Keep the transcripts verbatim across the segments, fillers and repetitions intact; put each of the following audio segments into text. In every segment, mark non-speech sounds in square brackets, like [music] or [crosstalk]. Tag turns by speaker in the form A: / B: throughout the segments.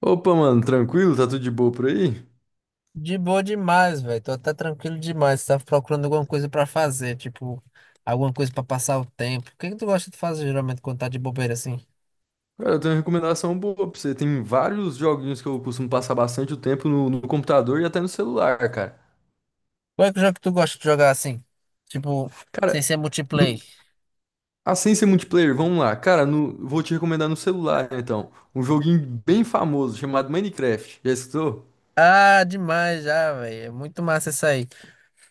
A: Opa, mano, tranquilo? Tá tudo de boa por aí?
B: De boa demais, velho. Tô até tranquilo demais. Tava procurando alguma coisa pra fazer, tipo, alguma coisa pra passar o tempo. O que que tu gosta de fazer geralmente quando tá de bobeira assim?
A: Cara, eu tenho uma recomendação boa pra você. Tem vários joguinhos que eu costumo passar bastante o tempo no, no computador e até no celular, cara.
B: Qual é que jogo que tu gosta de jogar assim? Tipo, sem
A: Cara,
B: ser multiplayer.
A: no, assim ser multiplayer, vamos lá. Cara, no- vou te recomendar no celular, né, então. Um joguinho bem famoso chamado Minecraft. Já escutou?
B: Ah, demais já, velho. É muito massa isso aí.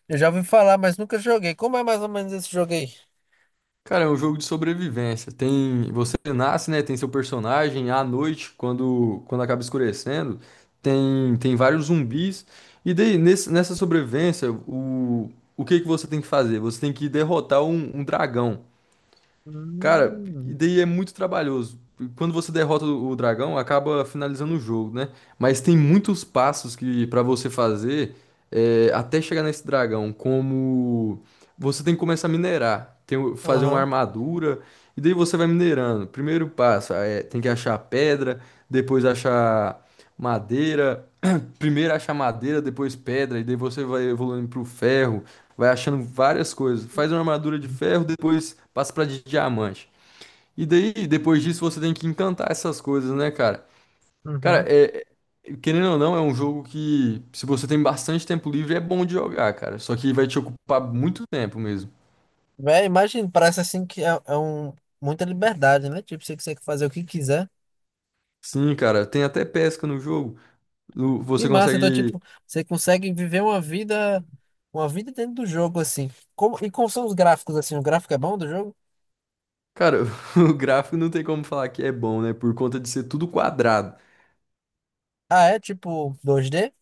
B: Eu já ouvi falar, mas nunca joguei. Como é mais ou menos esse jogo aí?
A: Cara, é um jogo de sobrevivência. Tem, você nasce, né? Tem seu personagem à noite, quando, quando acaba escurecendo, tem, tem vários zumbis. E daí, nesse- nessa sobrevivência, o, o que que você tem que fazer? Você tem que derrotar um, um dragão. Cara, e
B: Hum.
A: daí é muito trabalhoso. Quando você derrota o o dragão, acaba finalizando o jogo, né? Mas tem muitos passos que para você fazer é, até chegar nesse dragão, como você tem que começar a minerar, tem, o- fazer uma
B: Aham.
A: armadura, e daí você vai minerando. Primeiro passo é tem que achar pedra, depois achar madeira, [clears throat] primeiro achar madeira, depois pedra, e daí você vai evoluindo pro ferro. Vai achando várias coisas. Faz uma armadura de ferro, depois passa pra de diamante. E daí, depois disso, você tem que encantar essas coisas, né, cara? Cara,
B: Uhum.
A: é, é- querendo ou não, é um jogo que, se você tem bastante tempo livre, é bom de jogar, cara. Só que vai te ocupar muito tempo mesmo.
B: Véi, imagina, parece assim que é, é um muita liberdade, né? Tipo, você consegue fazer o que quiser.
A: Sim, cara, tem até pesca no jogo. O-
B: Que
A: Você
B: massa, então,
A: consegue.
B: tipo, você consegue viver uma vida, uma vida dentro do jogo, assim. Como, e como são os gráficos, assim? O gráfico é bom do jogo?
A: Cara, [laughs] o gráfico não tem como falar que é bom, né? Por conta de ser tudo quadrado.
B: Ah, é tipo dois dê.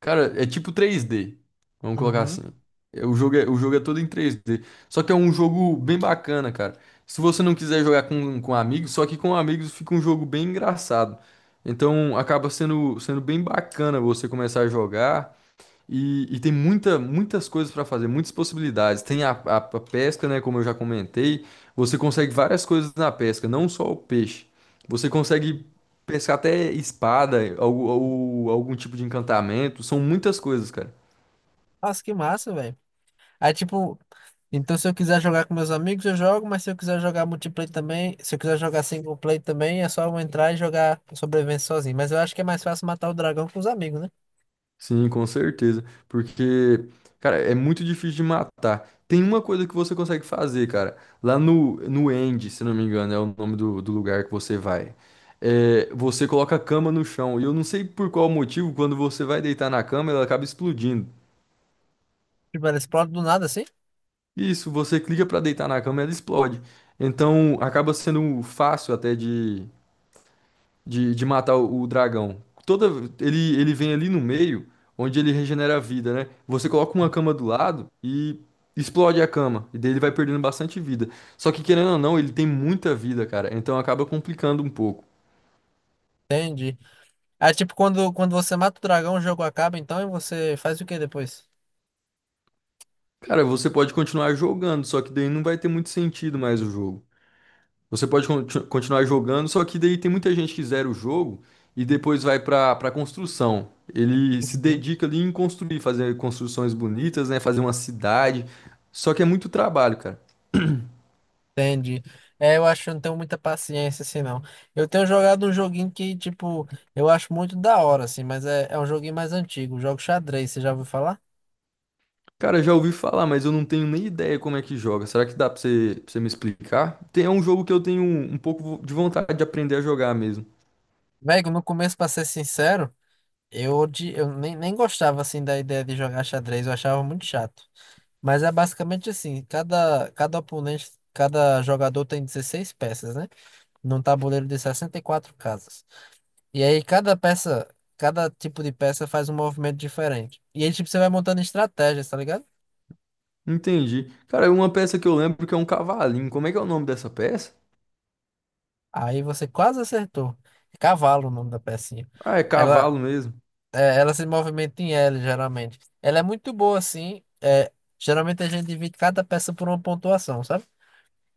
A: Cara, é tipo três D. Vamos colocar assim.
B: Uhum.
A: É, O jogo é, o jogo é todo em três D. Só que é um jogo bem bacana, cara. Se você não quiser jogar com, com amigos, só que com amigos fica um jogo bem engraçado. Então acaba sendo, sendo bem bacana você começar a jogar. E, e tem muita, muitas coisas para fazer, muitas possibilidades. Tem a, a- a pesca, né? Como eu já comentei, você consegue várias coisas na pesca, não só o peixe. Você consegue pescar até espada, algu- ou algum tipo de encantamento. São muitas coisas, cara.
B: Nossa, que massa, velho. Aí, tipo, então se eu quiser jogar com meus amigos, eu jogo, mas se eu quiser jogar multiplayer também, se eu quiser jogar single player também, é só eu entrar e jogar sobrevivência sozinho. Mas eu acho que é mais fácil matar o dragão com os amigos, né?
A: Sim, com certeza. Porque, cara, é muito difícil de matar. Tem uma coisa que você consegue fazer, cara. Lá no, no End, se não me engano, é o nome do, do lugar que você vai. É, você coloca a cama no chão. E eu não sei por qual motivo, quando você vai deitar na cama, ela acaba explodindo.
B: Tipo, ele explode do nada, assim?
A: Isso, você clica pra deitar na cama, ela explode. Então, acaba sendo fácil até de, de matar o, o dragão. Toda, ele, ele vem ali no meio, onde ele regenera a vida, né? Você coloca uma cama do lado e explode a cama. E daí ele vai perdendo bastante vida. Só que, querendo ou não, ele tem muita vida, cara. Então acaba complicando um pouco.
B: Entendi. Aí, tipo, quando, quando você mata o dragão, o jogo acaba, então, e você faz o que depois?
A: Cara, você pode continuar jogando, só que daí não vai ter muito sentido mais o jogo. Você pode conti- continuar jogando, só que daí tem muita gente que zera o jogo e depois vai para para construção. Ele se dedica ali em construir, fazer construções bonitas, né? Fazer uma cidade. Só que é muito trabalho, cara.
B: Entendi. É, eu acho que eu não tenho muita paciência, assim, não. Eu tenho jogado um joguinho que, tipo, eu acho muito da hora, assim, mas é, é um joguinho mais antigo, jogo xadrez, você já ouviu falar?
A: Cara, já ouvi falar, mas eu não tenho nem ideia como é que joga. Será que dá pra você, pra você me explicar? Tem, é um jogo que eu tenho um um pouco de vontade de aprender a jogar mesmo.
B: Velho, no começo, pra ser sincero, eu, odi- eu nem, nem gostava, assim, da ideia de jogar xadrez, eu achava muito chato. Mas é basicamente assim, cada, cada oponente, cada jogador tem dezesseis peças, né? Num tabuleiro de sessenta e quatro casas. E aí cada peça, cada tipo de peça faz um movimento diferente. E aí, tipo, você vai montando estratégias, tá ligado?
A: Entendi. Cara, uma peça que eu lembro que é um cavalinho. Como é que é o nome dessa peça?
B: Aí você quase acertou. É Cavalo o nome da pecinha.
A: Ah, é
B: Ela,
A: cavalo mesmo.
B: é, ela se movimenta em L, geralmente. Ela é muito boa, assim. É, geralmente a gente divide cada peça por uma pontuação, sabe?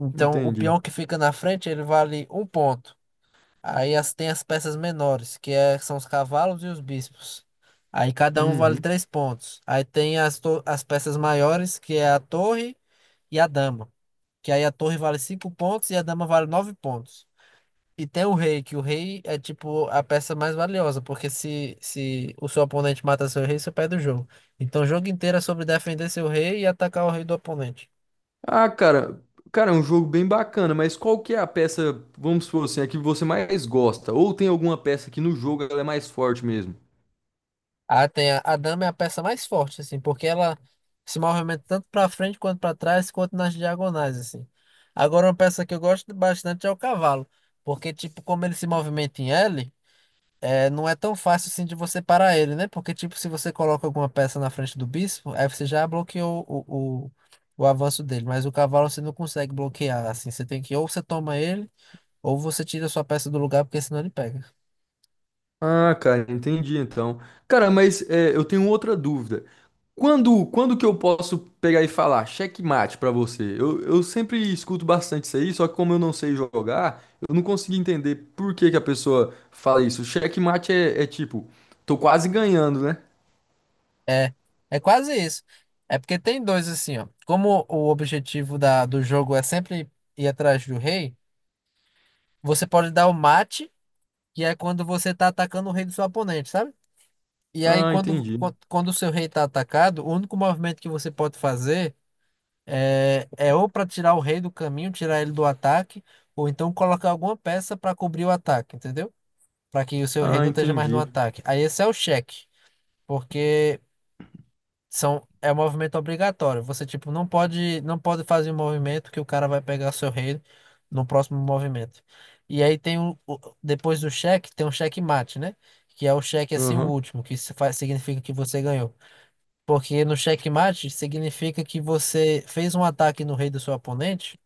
B: Então, o
A: Entendi.
B: peão que fica na frente, ele vale um ponto. Aí as, tem as peças menores, que é, são os cavalos e os bispos. Aí cada um vale
A: Uhum.
B: três pontos. Aí tem as, to- as peças maiores, que é a torre e a dama. Que aí a torre vale cinco pontos e a dama vale nove pontos. E tem o rei, que o rei é tipo a peça mais valiosa, porque se, se o seu oponente mata seu rei, você perde o jogo. Então o jogo inteiro é sobre defender seu rei e atacar o rei do oponente.
A: Ah, cara, cara, é um jogo bem bacana, mas qual que é a peça, vamos supor assim, a que você mais gosta? Ou tem alguma peça que no jogo ela é mais forte mesmo?
B: Ah, tem a, a dama é a peça mais forte, assim, porque ela se movimenta tanto pra frente quanto pra trás, quanto nas diagonais, assim. Agora uma peça que eu gosto bastante é o cavalo, porque tipo, como ele se movimenta em L, é, não é tão fácil assim de você parar ele, né? Porque, tipo, se você coloca alguma peça na frente do bispo, aí você já bloqueou o, o, o avanço dele. Mas o cavalo você não consegue bloquear, assim. Você tem que, ou você toma ele, ou você tira a sua peça do lugar, porque senão ele pega.
A: Ah, cara, entendi então. Cara, mas é, eu tenho outra dúvida. Quando, quando que eu posso pegar e falar checkmate pra você? Eu, eu sempre escuto bastante isso aí, só que como eu não sei jogar, eu não consigo entender por que que a pessoa fala isso. Checkmate é, é tipo, tô quase ganhando, né?
B: É, é quase isso. É porque tem dois assim, ó. Como o objetivo da, do jogo é sempre ir atrás do rei, você pode dar o mate, que é quando você tá atacando o rei do seu oponente, sabe? E aí,
A: Ah,
B: quando,
A: entendi.
B: quan- quando o seu rei tá atacado, o único movimento que você pode fazer é, é ou para tirar o rei do caminho, tirar ele do ataque, ou então colocar alguma peça para cobrir o ataque, entendeu? Para que o seu rei
A: Ah,
B: não esteja mais no
A: entendi.
B: ataque. Aí esse é o cheque, porque são, é um movimento obrigatório. Você, tipo, não pode, não pode fazer um movimento que o cara vai pegar seu rei no próximo movimento. E aí tem o, o- depois do cheque, tem um checkmate, né? Que é o cheque assim, o
A: Aham.
B: último, que se faz, significa que você ganhou. Porque no checkmate significa que você fez um ataque no rei do seu oponente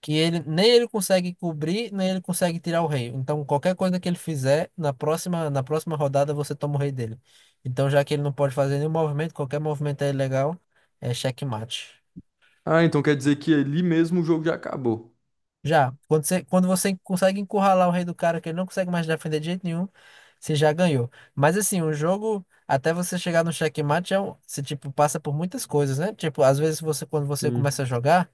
B: que ele nem ele consegue cobrir, nem ele consegue tirar o rei. Então, qualquer coisa que ele fizer, na próxima, na próxima rodada você toma o rei dele. Então, já que ele não pode fazer nenhum movimento, qualquer movimento é ilegal, é checkmate.
A: Ah, então quer dizer que ali mesmo o jogo já acabou.
B: Já, quando você, quando você consegue encurralar o rei do cara que ele não consegue mais defender de jeito nenhum, você já ganhou. Mas assim, o jogo, até você chegar no checkmate, é um, você tipo passa por muitas coisas, né? Tipo, às vezes você quando você começa
A: Sim.
B: a jogar,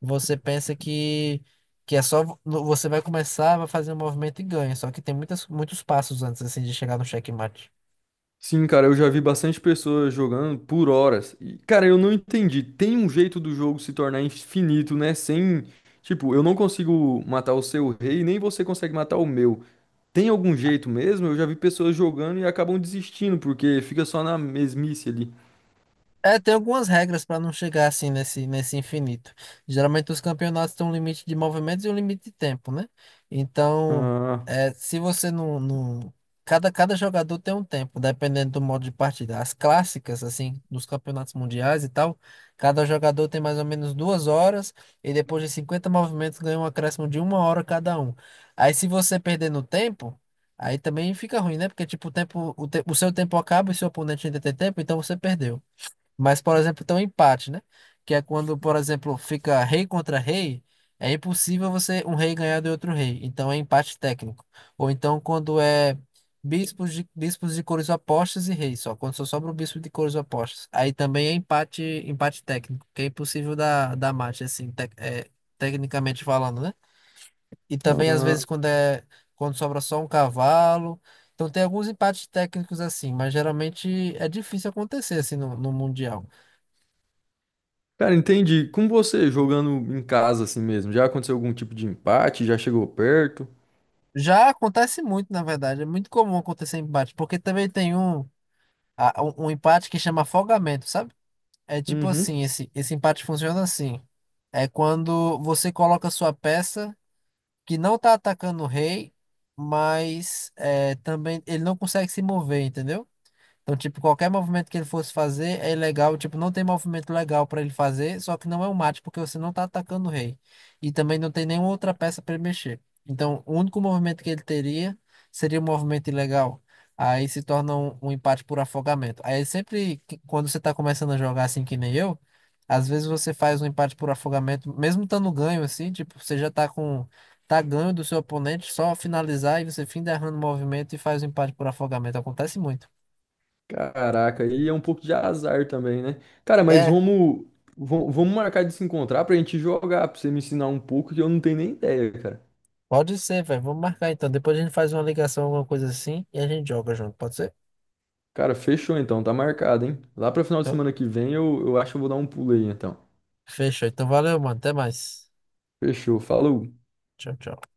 B: você pensa que, que é só vo- você vai começar, vai fazer um movimento e ganha. Só que tem muitas, muitos passos antes assim de chegar no checkmate.
A: Sim, cara, eu já vi bastante pessoas jogando por horas. E, cara, eu não entendi. Tem um jeito do jogo se tornar infinito, né? Sem. Tipo, eu não consigo matar o seu rei, nem você consegue matar o meu. Tem algum jeito mesmo? Eu já vi pessoas jogando e acabam desistindo, porque fica só na mesmice ali.
B: É, tem algumas regras para não chegar assim nesse, nesse infinito. Geralmente os campeonatos têm um limite de movimentos e um limite de tempo, né? Então,
A: Ah,
B: é, se você não, não... Cada, cada jogador tem um tempo, dependendo do modo de partida. As clássicas, assim, dos campeonatos mundiais e tal, cada jogador tem mais ou menos duas horas e depois de cinquenta movimentos ganha um acréscimo de uma hora cada um. Aí se você perder no tempo... Aí também fica ruim, né? Porque, tipo, o tempo, o, te- o seu tempo acaba e seu oponente ainda tem tempo, então você perdeu. Mas, por exemplo, tem um empate, né? Que é quando, por exemplo, fica rei contra rei, é impossível você um rei ganhar de outro rei. Então é empate técnico. Ou então quando é bispos de, bispos de cores opostas e reis, só quando só sobra o bispo de cores opostas. Aí também é empate, empate técnico, que é impossível dar, dar mate, assim, tec- é, tecnicamente falando, né? E também às
A: ah.
B: vezes quando é quando sobra só um cavalo. Então tem alguns empates técnicos assim, mas geralmente é difícil acontecer assim no no mundial.
A: Cara, entendi. Com você jogando em casa assim mesmo, já aconteceu algum tipo de empate? Já chegou perto?
B: Já acontece muito, na verdade. É muito comum acontecer empate, porque também tem um, a- um um empate que chama afogamento, sabe? É tipo assim,
A: Uhum.
B: esse, esse empate funciona assim. É quando você coloca sua peça que não tá atacando o rei, mas é, também ele não consegue se mover, entendeu? Então, tipo, qualquer movimento que ele fosse fazer é ilegal. Tipo, não tem movimento legal pra ele fazer, só que não é um mate, porque você não tá atacando o rei. E também não tem nenhuma outra peça pra ele mexer. Então, o único movimento que ele teria seria um movimento ilegal. Aí se torna um, um empate por afogamento. Aí sempre, que- quando você tá começando a jogar assim que nem eu, às vezes você faz um empate por afogamento, mesmo estando ganho assim, tipo, você já tá com. Tá ganho do seu oponente, só finalizar e você fim derrando o movimento e faz o empate por afogamento. Acontece muito.
A: Caraca, e é um pouco de azar também, né? Cara, mas
B: É,
A: vamos, vamos, vamos marcar de se encontrar pra gente jogar, pra você me ensinar um pouco que eu não tenho nem ideia, cara.
B: pode ser, velho. Vamos marcar então. Depois a gente faz uma ligação, alguma coisa assim, e a gente joga junto, pode ser?
A: Cara, fechou então, tá marcado, hein? Lá pra final de
B: Então,
A: semana que vem eu, eu acho que eu vou dar um pulo aí então.
B: fechou. Então, valeu, mano. Até mais.
A: Fechou, falou.
B: Tchau, tchau.